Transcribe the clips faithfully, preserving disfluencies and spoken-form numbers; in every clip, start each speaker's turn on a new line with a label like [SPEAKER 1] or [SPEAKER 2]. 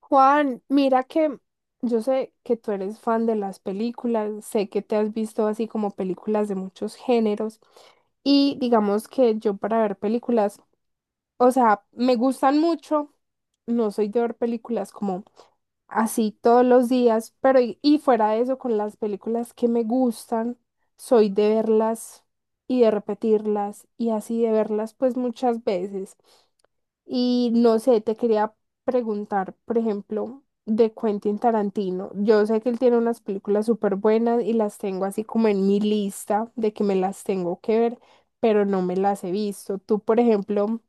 [SPEAKER 1] Juan, mira que yo sé que tú eres fan de las películas, sé que te has visto así como películas de muchos géneros y digamos que yo para ver películas, o sea, me gustan mucho, no soy de ver películas como así todos los días, pero y, y fuera de eso, con las películas que me gustan, soy de verlas y de repetirlas y así de verlas pues muchas veces. Y no sé, te quería preguntar, por ejemplo, de Quentin Tarantino. Yo sé que él tiene unas películas súper buenas y las tengo así como en mi lista de que me las tengo que ver, pero no me las he visto. Tú, por ejemplo,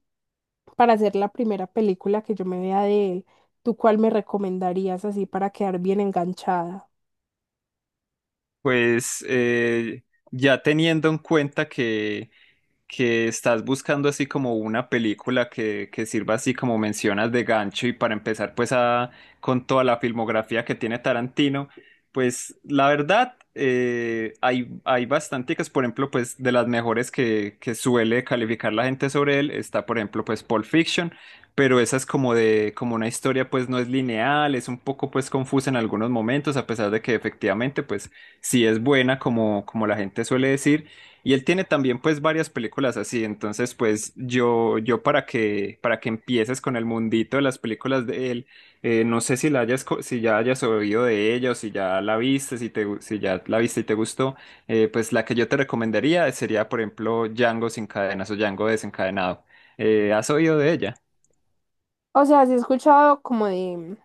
[SPEAKER 1] para hacer la primera película que yo me vea de él, ¿tú cuál me recomendarías así para quedar bien enganchada?
[SPEAKER 2] Pues eh, ya teniendo en cuenta que que estás buscando así como una película que, que sirva así como mencionas de gancho y para empezar pues a, con toda la filmografía que tiene Tarantino, pues la verdad eh, hay, hay bastanticas. Por ejemplo, pues de las mejores que, que suele calificar la gente sobre él está, por ejemplo, pues Pulp Fiction, pero esa es como de como una historia, pues no es lineal, es un poco pues confusa en algunos momentos a pesar de que efectivamente pues sí es buena como, como la gente suele decir. Y él tiene también pues varias películas así, entonces pues yo, yo para que, para que empieces con el mundito de las películas de él, eh, no sé si la hayas, co- si ya hayas oído de ella, o si ya la viste, si te, gu- si ya la viste y te gustó, eh, pues la que yo te recomendaría sería, por ejemplo, Django sin cadenas o Django desencadenado. Eh, ¿has oído de ella?
[SPEAKER 1] O sea, sí he escuchado como de,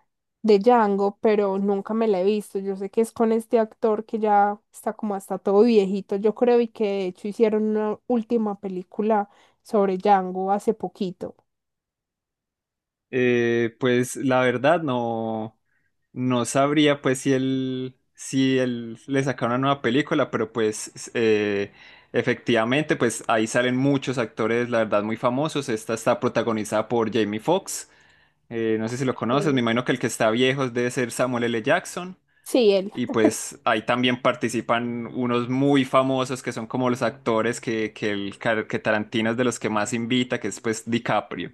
[SPEAKER 1] de Django, pero nunca me la he visto. Yo sé que es con este actor que ya está como hasta todo viejito, yo creo, y que de hecho hicieron una última película sobre Django hace poquito.
[SPEAKER 2] Eh, pues la verdad no, no sabría pues si él, si él le saca una nueva película, pero pues s- eh, efectivamente pues ahí salen muchos actores, la verdad, muy famosos. Esta está protagonizada por Jamie Foxx, eh, no sé si lo conoces, me
[SPEAKER 1] Sí.
[SPEAKER 2] imagino que el que está viejo debe ser Samuel L. Jackson.
[SPEAKER 1] Sí, él.
[SPEAKER 2] Y pues ahí también participan unos muy famosos que son como los actores que, que, el, Car- que Tarantino es de los que más invita, que es pues DiCaprio.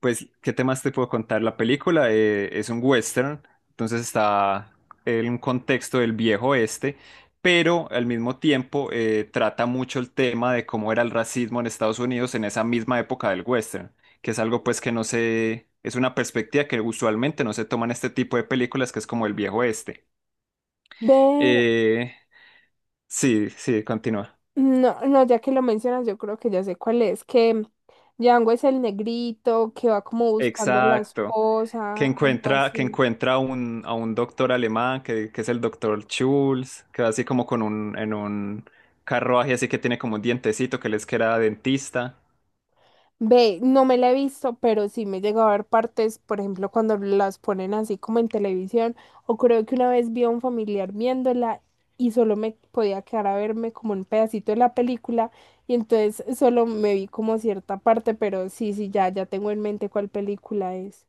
[SPEAKER 2] Pues, ¿qué temas te puedo contar? La película eh, es un western, entonces está en un contexto del viejo oeste, pero al mismo tiempo eh, trata mucho el tema de cómo era el racismo en Estados Unidos en esa misma época del western, que es algo pues que no se, es una perspectiva que usualmente no se toma en este tipo de películas, que es como el viejo oeste.
[SPEAKER 1] Ve,
[SPEAKER 2] Eh, sí, sí, continúa.
[SPEAKER 1] no, no, ya que lo mencionas, yo creo que ya sé cuál es, que Django es el negrito que va como buscando la
[SPEAKER 2] Exacto. Que
[SPEAKER 1] esposa, algo
[SPEAKER 2] encuentra, que
[SPEAKER 1] así.
[SPEAKER 2] encuentra un, a un doctor alemán, que, que es el doctor Schulz, que va así como con un, en un carruaje así que tiene como un dientecito que les queda dentista.
[SPEAKER 1] Ve, no me la he visto, pero sí me llegó a ver partes, por ejemplo, cuando las ponen así como en televisión, o creo que una vez vi a un familiar viéndola y solo me podía quedar a verme como un pedacito de la película, y entonces solo me vi como cierta parte, pero sí, sí, ya, ya tengo en mente cuál película es.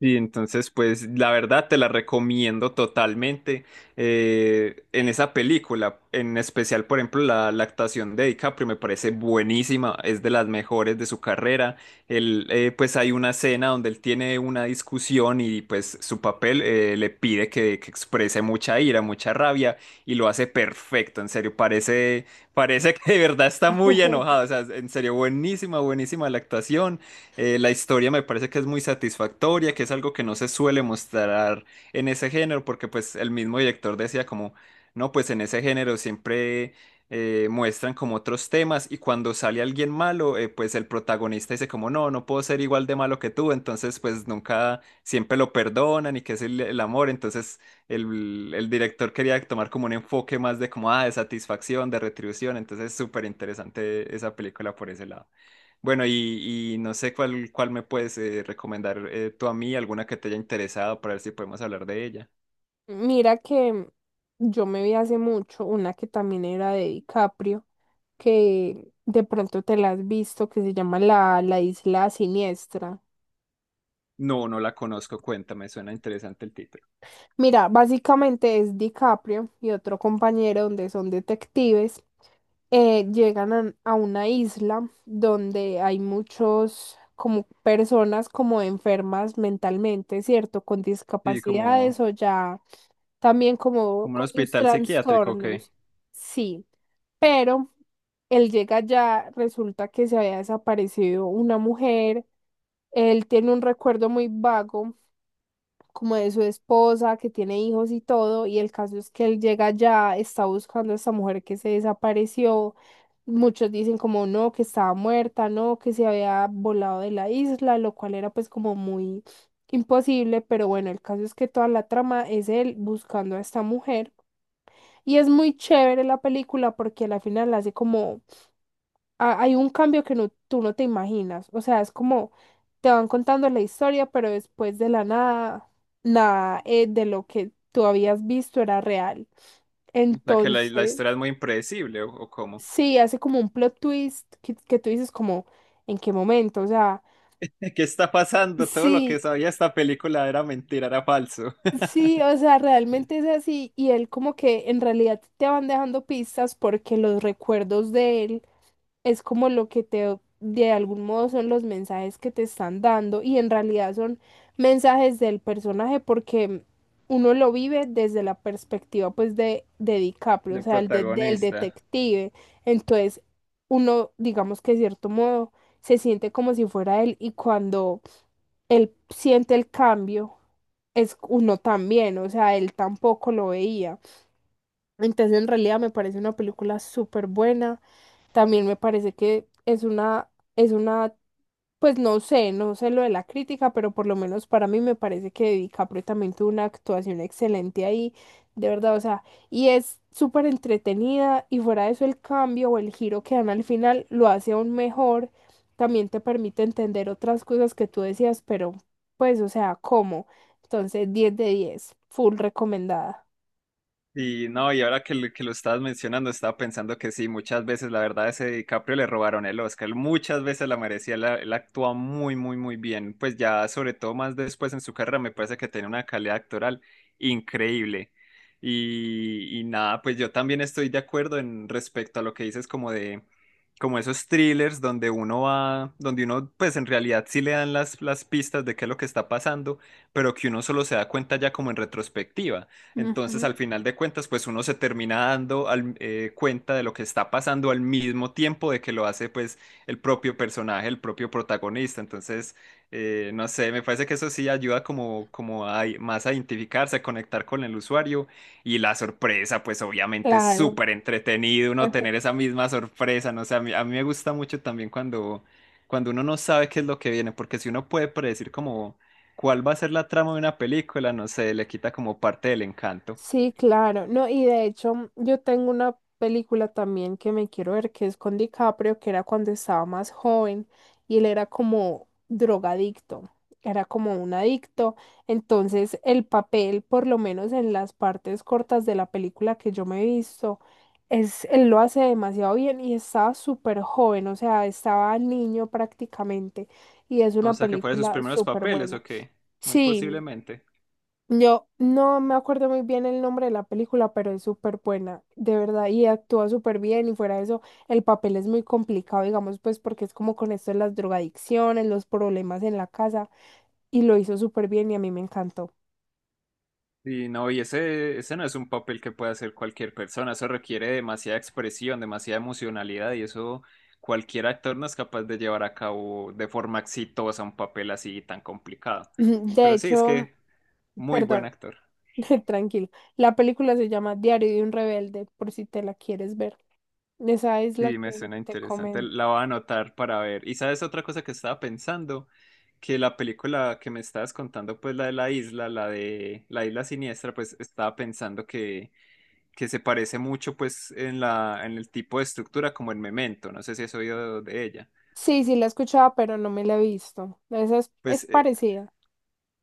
[SPEAKER 2] Y entonces, pues la verdad te la recomiendo totalmente. Eh, en esa película, en especial, por ejemplo, la, la actuación de DiCaprio me parece buenísima, es de las mejores de su carrera. Él, eh, pues hay una escena donde él tiene una discusión y pues su papel eh, le pide que, que exprese mucha ira, mucha rabia, y lo hace perfecto, en serio, parece, parece que de verdad está muy enojado, o sea, en serio, buenísima, buenísima la actuación. Eh, la historia me parece que es muy satisfactoria, que es algo que no se suele mostrar en ese género, porque pues el mismo director decía como, no, pues en ese género siempre eh, muestran como otros temas, y cuando sale alguien malo, eh, pues el protagonista dice como, no, no puedo ser igual de malo que tú, entonces pues nunca, siempre lo perdonan y que es el, el amor. Entonces el, el director quería tomar como un enfoque más de como, ah, de satisfacción, de retribución. Entonces es súper interesante esa película por ese lado. Bueno, y, y no sé cuál, cuál me puedes eh, recomendar, eh, tú a mí, alguna que te haya interesado para ver si podemos hablar de ella.
[SPEAKER 1] Mira que yo me vi hace mucho una que también era de DiCaprio, que de pronto te la has visto, que se llama La, la Isla Siniestra.
[SPEAKER 2] No, no la conozco, cuéntame, suena interesante el título.
[SPEAKER 1] Mira, básicamente es DiCaprio y otro compañero donde son detectives, eh, llegan a, a una isla donde hay muchos como personas como enfermas mentalmente, ¿cierto? Con
[SPEAKER 2] Sí, como,
[SPEAKER 1] discapacidades o ya también como
[SPEAKER 2] como un
[SPEAKER 1] con sus
[SPEAKER 2] hospital psiquiátrico, ¿o ¿qué?
[SPEAKER 1] trastornos. Sí, pero él llega ya, resulta que se había desaparecido una mujer. Él tiene un recuerdo muy vago como de su esposa, que tiene hijos y todo, y el caso es que él llega allá, está buscando a esta mujer que se desapareció. Muchos dicen como no, que estaba muerta, no, que se había volado de la isla, lo cual era pues como muy imposible, pero bueno, el caso es que toda la trama es él buscando a esta mujer. Y es muy chévere la película porque al final hace como ha- hay un cambio que no, tú no te imaginas. O sea, es como te van contando la historia, pero después de la nada, nada eh, de lo que tú habías visto era real.
[SPEAKER 2] O sea, que la, la
[SPEAKER 1] Entonces,
[SPEAKER 2] historia es muy impredecible, ¿o, o cómo?
[SPEAKER 1] sí, hace como un plot twist que, que tú dices como, ¿en qué momento? O sea,
[SPEAKER 2] ¿Qué está pasando? Todo lo que
[SPEAKER 1] sí,
[SPEAKER 2] sabía esta película era mentira, era falso.
[SPEAKER 1] sí, o sea, realmente es así. Y él como que en realidad te van dejando pistas porque los recuerdos de él es como lo que te, de algún modo son los mensajes que te están dando y en realidad son mensajes del personaje porque uno lo vive desde la perspectiva pues de, de DiCaprio, o
[SPEAKER 2] Del
[SPEAKER 1] sea, el de- del
[SPEAKER 2] protagonista.
[SPEAKER 1] detective. Entonces, uno, digamos que de cierto modo, se siente como si fuera él y cuando él siente el cambio, es uno también, o sea, él tampoco lo veía. Entonces, en realidad me parece una película súper buena. También me parece que es una, es una, pues no sé, no sé lo de la crítica, pero por lo menos para mí me parece que DiCaprio también tuvo una actuación excelente ahí, de verdad, o sea, y es súper entretenida y fuera de eso el cambio o el giro que dan al final lo hace aún mejor, también te permite entender otras cosas que tú decías, pero pues, o sea, ¿cómo? Entonces, diez de diez full recomendada.
[SPEAKER 2] Y no, y ahora que, lo- que lo estabas mencionando, estaba pensando que sí, muchas veces, la verdad, ese DiCaprio le robaron el Oscar, muchas veces la merecía, él, él actúa muy, muy, muy bien, pues ya sobre todo más después en su carrera me parece que tiene una calidad actoral increíble. Y, y nada, pues yo también estoy de acuerdo en respecto a lo que dices como de, como esos thrillers donde uno va, donde uno pues en realidad sí le dan las, las pistas de qué es lo que está pasando, pero que uno solo se da cuenta ya como en retrospectiva. Entonces, al final de cuentas, pues uno se termina dando al- eh, cuenta de lo que está pasando al mismo tiempo de que lo hace pues el propio personaje, el propio protagonista. Entonces, eh, no sé, me parece que eso sí ayuda como, como a, más a identificarse, a conectar con el usuario. Y la sorpresa, pues obviamente es
[SPEAKER 1] Claro.
[SPEAKER 2] súper entretenido uno tener esa misma sorpresa. No sé, a mí, a mí me gusta mucho también cuando, cuando uno no sabe qué es lo que viene, porque si uno puede predecir como, ¿cuál va a ser la trama de una película? No sé, le quita como parte del encanto.
[SPEAKER 1] Sí, claro. No, y de hecho, mm, yo tengo una película también que me quiero ver, que es con DiCaprio, que era cuando estaba más joven y él era como drogadicto, era como un adicto. Entonces, el papel, por lo menos en las partes cortas de la película que yo me he visto, es, él lo hace demasiado bien y estaba súper joven, o sea, estaba niño prácticamente y es
[SPEAKER 2] O
[SPEAKER 1] una
[SPEAKER 2] sea, que fuera sus
[SPEAKER 1] película
[SPEAKER 2] primeros
[SPEAKER 1] súper
[SPEAKER 2] papeles,
[SPEAKER 1] buena.
[SPEAKER 2] ¿o qué? Muy
[SPEAKER 1] Sí,
[SPEAKER 2] posiblemente.
[SPEAKER 1] yo no me acuerdo muy bien el nombre de la película, pero es súper buena, de verdad, y actúa súper bien y fuera de eso, el papel es muy complicado, digamos, pues porque es como con esto de las drogadicciones, los problemas en la casa, y lo hizo súper bien y a mí me encantó.
[SPEAKER 2] Y no, y ese, ese no es un papel que puede hacer cualquier persona. Eso requiere demasiada expresión, demasiada emocionalidad, y eso cualquier actor no es capaz de llevar a cabo de forma exitosa un papel así tan complicado.
[SPEAKER 1] De
[SPEAKER 2] Pero sí, es
[SPEAKER 1] hecho,
[SPEAKER 2] que muy buen
[SPEAKER 1] perdón,
[SPEAKER 2] actor.
[SPEAKER 1] tranquilo, la película se llama Diario de un rebelde, por si te la quieres ver. Esa es la
[SPEAKER 2] Sí, me
[SPEAKER 1] que
[SPEAKER 2] suena
[SPEAKER 1] te
[SPEAKER 2] interesante.
[SPEAKER 1] comento.
[SPEAKER 2] La voy a anotar para ver. Y sabes otra cosa que estaba pensando, que la película que me estabas contando, pues la de la isla, la de la isla siniestra, pues estaba pensando que, que se parece mucho pues en la, en el tipo de estructura como en Memento. No sé si has oído de ella.
[SPEAKER 1] Sí, sí la escuchaba, pero no me la he visto. Esa es,
[SPEAKER 2] Pues
[SPEAKER 1] es
[SPEAKER 2] eh,
[SPEAKER 1] parecida.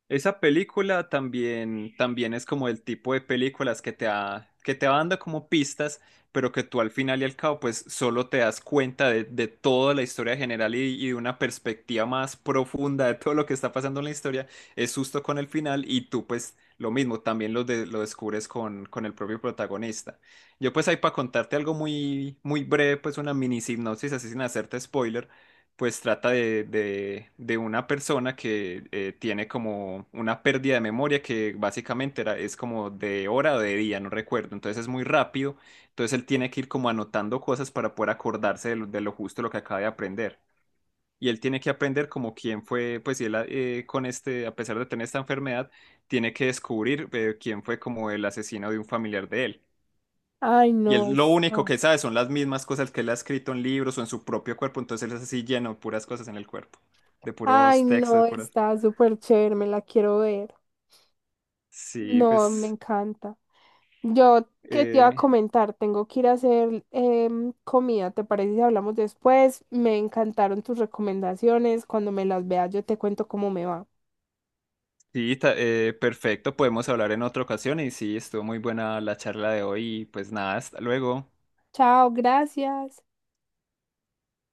[SPEAKER 2] Esa película también, también es como el tipo de películas que te va, que te va dando como pistas, pero que tú al final y al cabo pues solo te das cuenta de, de toda la historia general y, y de una perspectiva más profunda de todo lo que está pasando en la historia. Es justo con el final y tú pues lo mismo, también lo, de- lo descubres con, con el propio protagonista. Yo pues ahí para contarte algo muy, muy breve, pues una mini sinopsis así sin hacerte spoiler, pues trata de, de- de una persona que eh, tiene como una pérdida de memoria que básicamente era, es como de hora o de día, no recuerdo, entonces es muy rápido, entonces él tiene que ir como anotando cosas para poder acordarse de lo, de lo justo lo que acaba de aprender. Y él tiene que aprender como quién fue, pues y él eh, con este, a pesar de tener esta enfermedad, tiene que descubrir eh, quién fue como el asesino de un familiar de él.
[SPEAKER 1] Ay,
[SPEAKER 2] Y
[SPEAKER 1] no,
[SPEAKER 2] él lo único
[SPEAKER 1] está.
[SPEAKER 2] que sabe son las mismas cosas que él ha escrito en libros o en su propio cuerpo, entonces él es así lleno de puras cosas en el cuerpo, de
[SPEAKER 1] Ay,
[SPEAKER 2] puros textos,
[SPEAKER 1] no,
[SPEAKER 2] de puras...
[SPEAKER 1] está súper chévere, me la quiero ver.
[SPEAKER 2] Sí,
[SPEAKER 1] No, me
[SPEAKER 2] pues...
[SPEAKER 1] encanta. Yo, ¿qué te iba a
[SPEAKER 2] eh,
[SPEAKER 1] comentar? Tengo que ir a hacer em, comida, ¿te parece si hablamos después? Me encantaron tus recomendaciones. Cuando me las veas, yo te cuento cómo me va.
[SPEAKER 2] sí, ta- eh, perfecto, podemos hablar en otra ocasión y sí, estuvo muy buena la charla de hoy y pues nada, hasta luego.
[SPEAKER 1] Chao, gracias.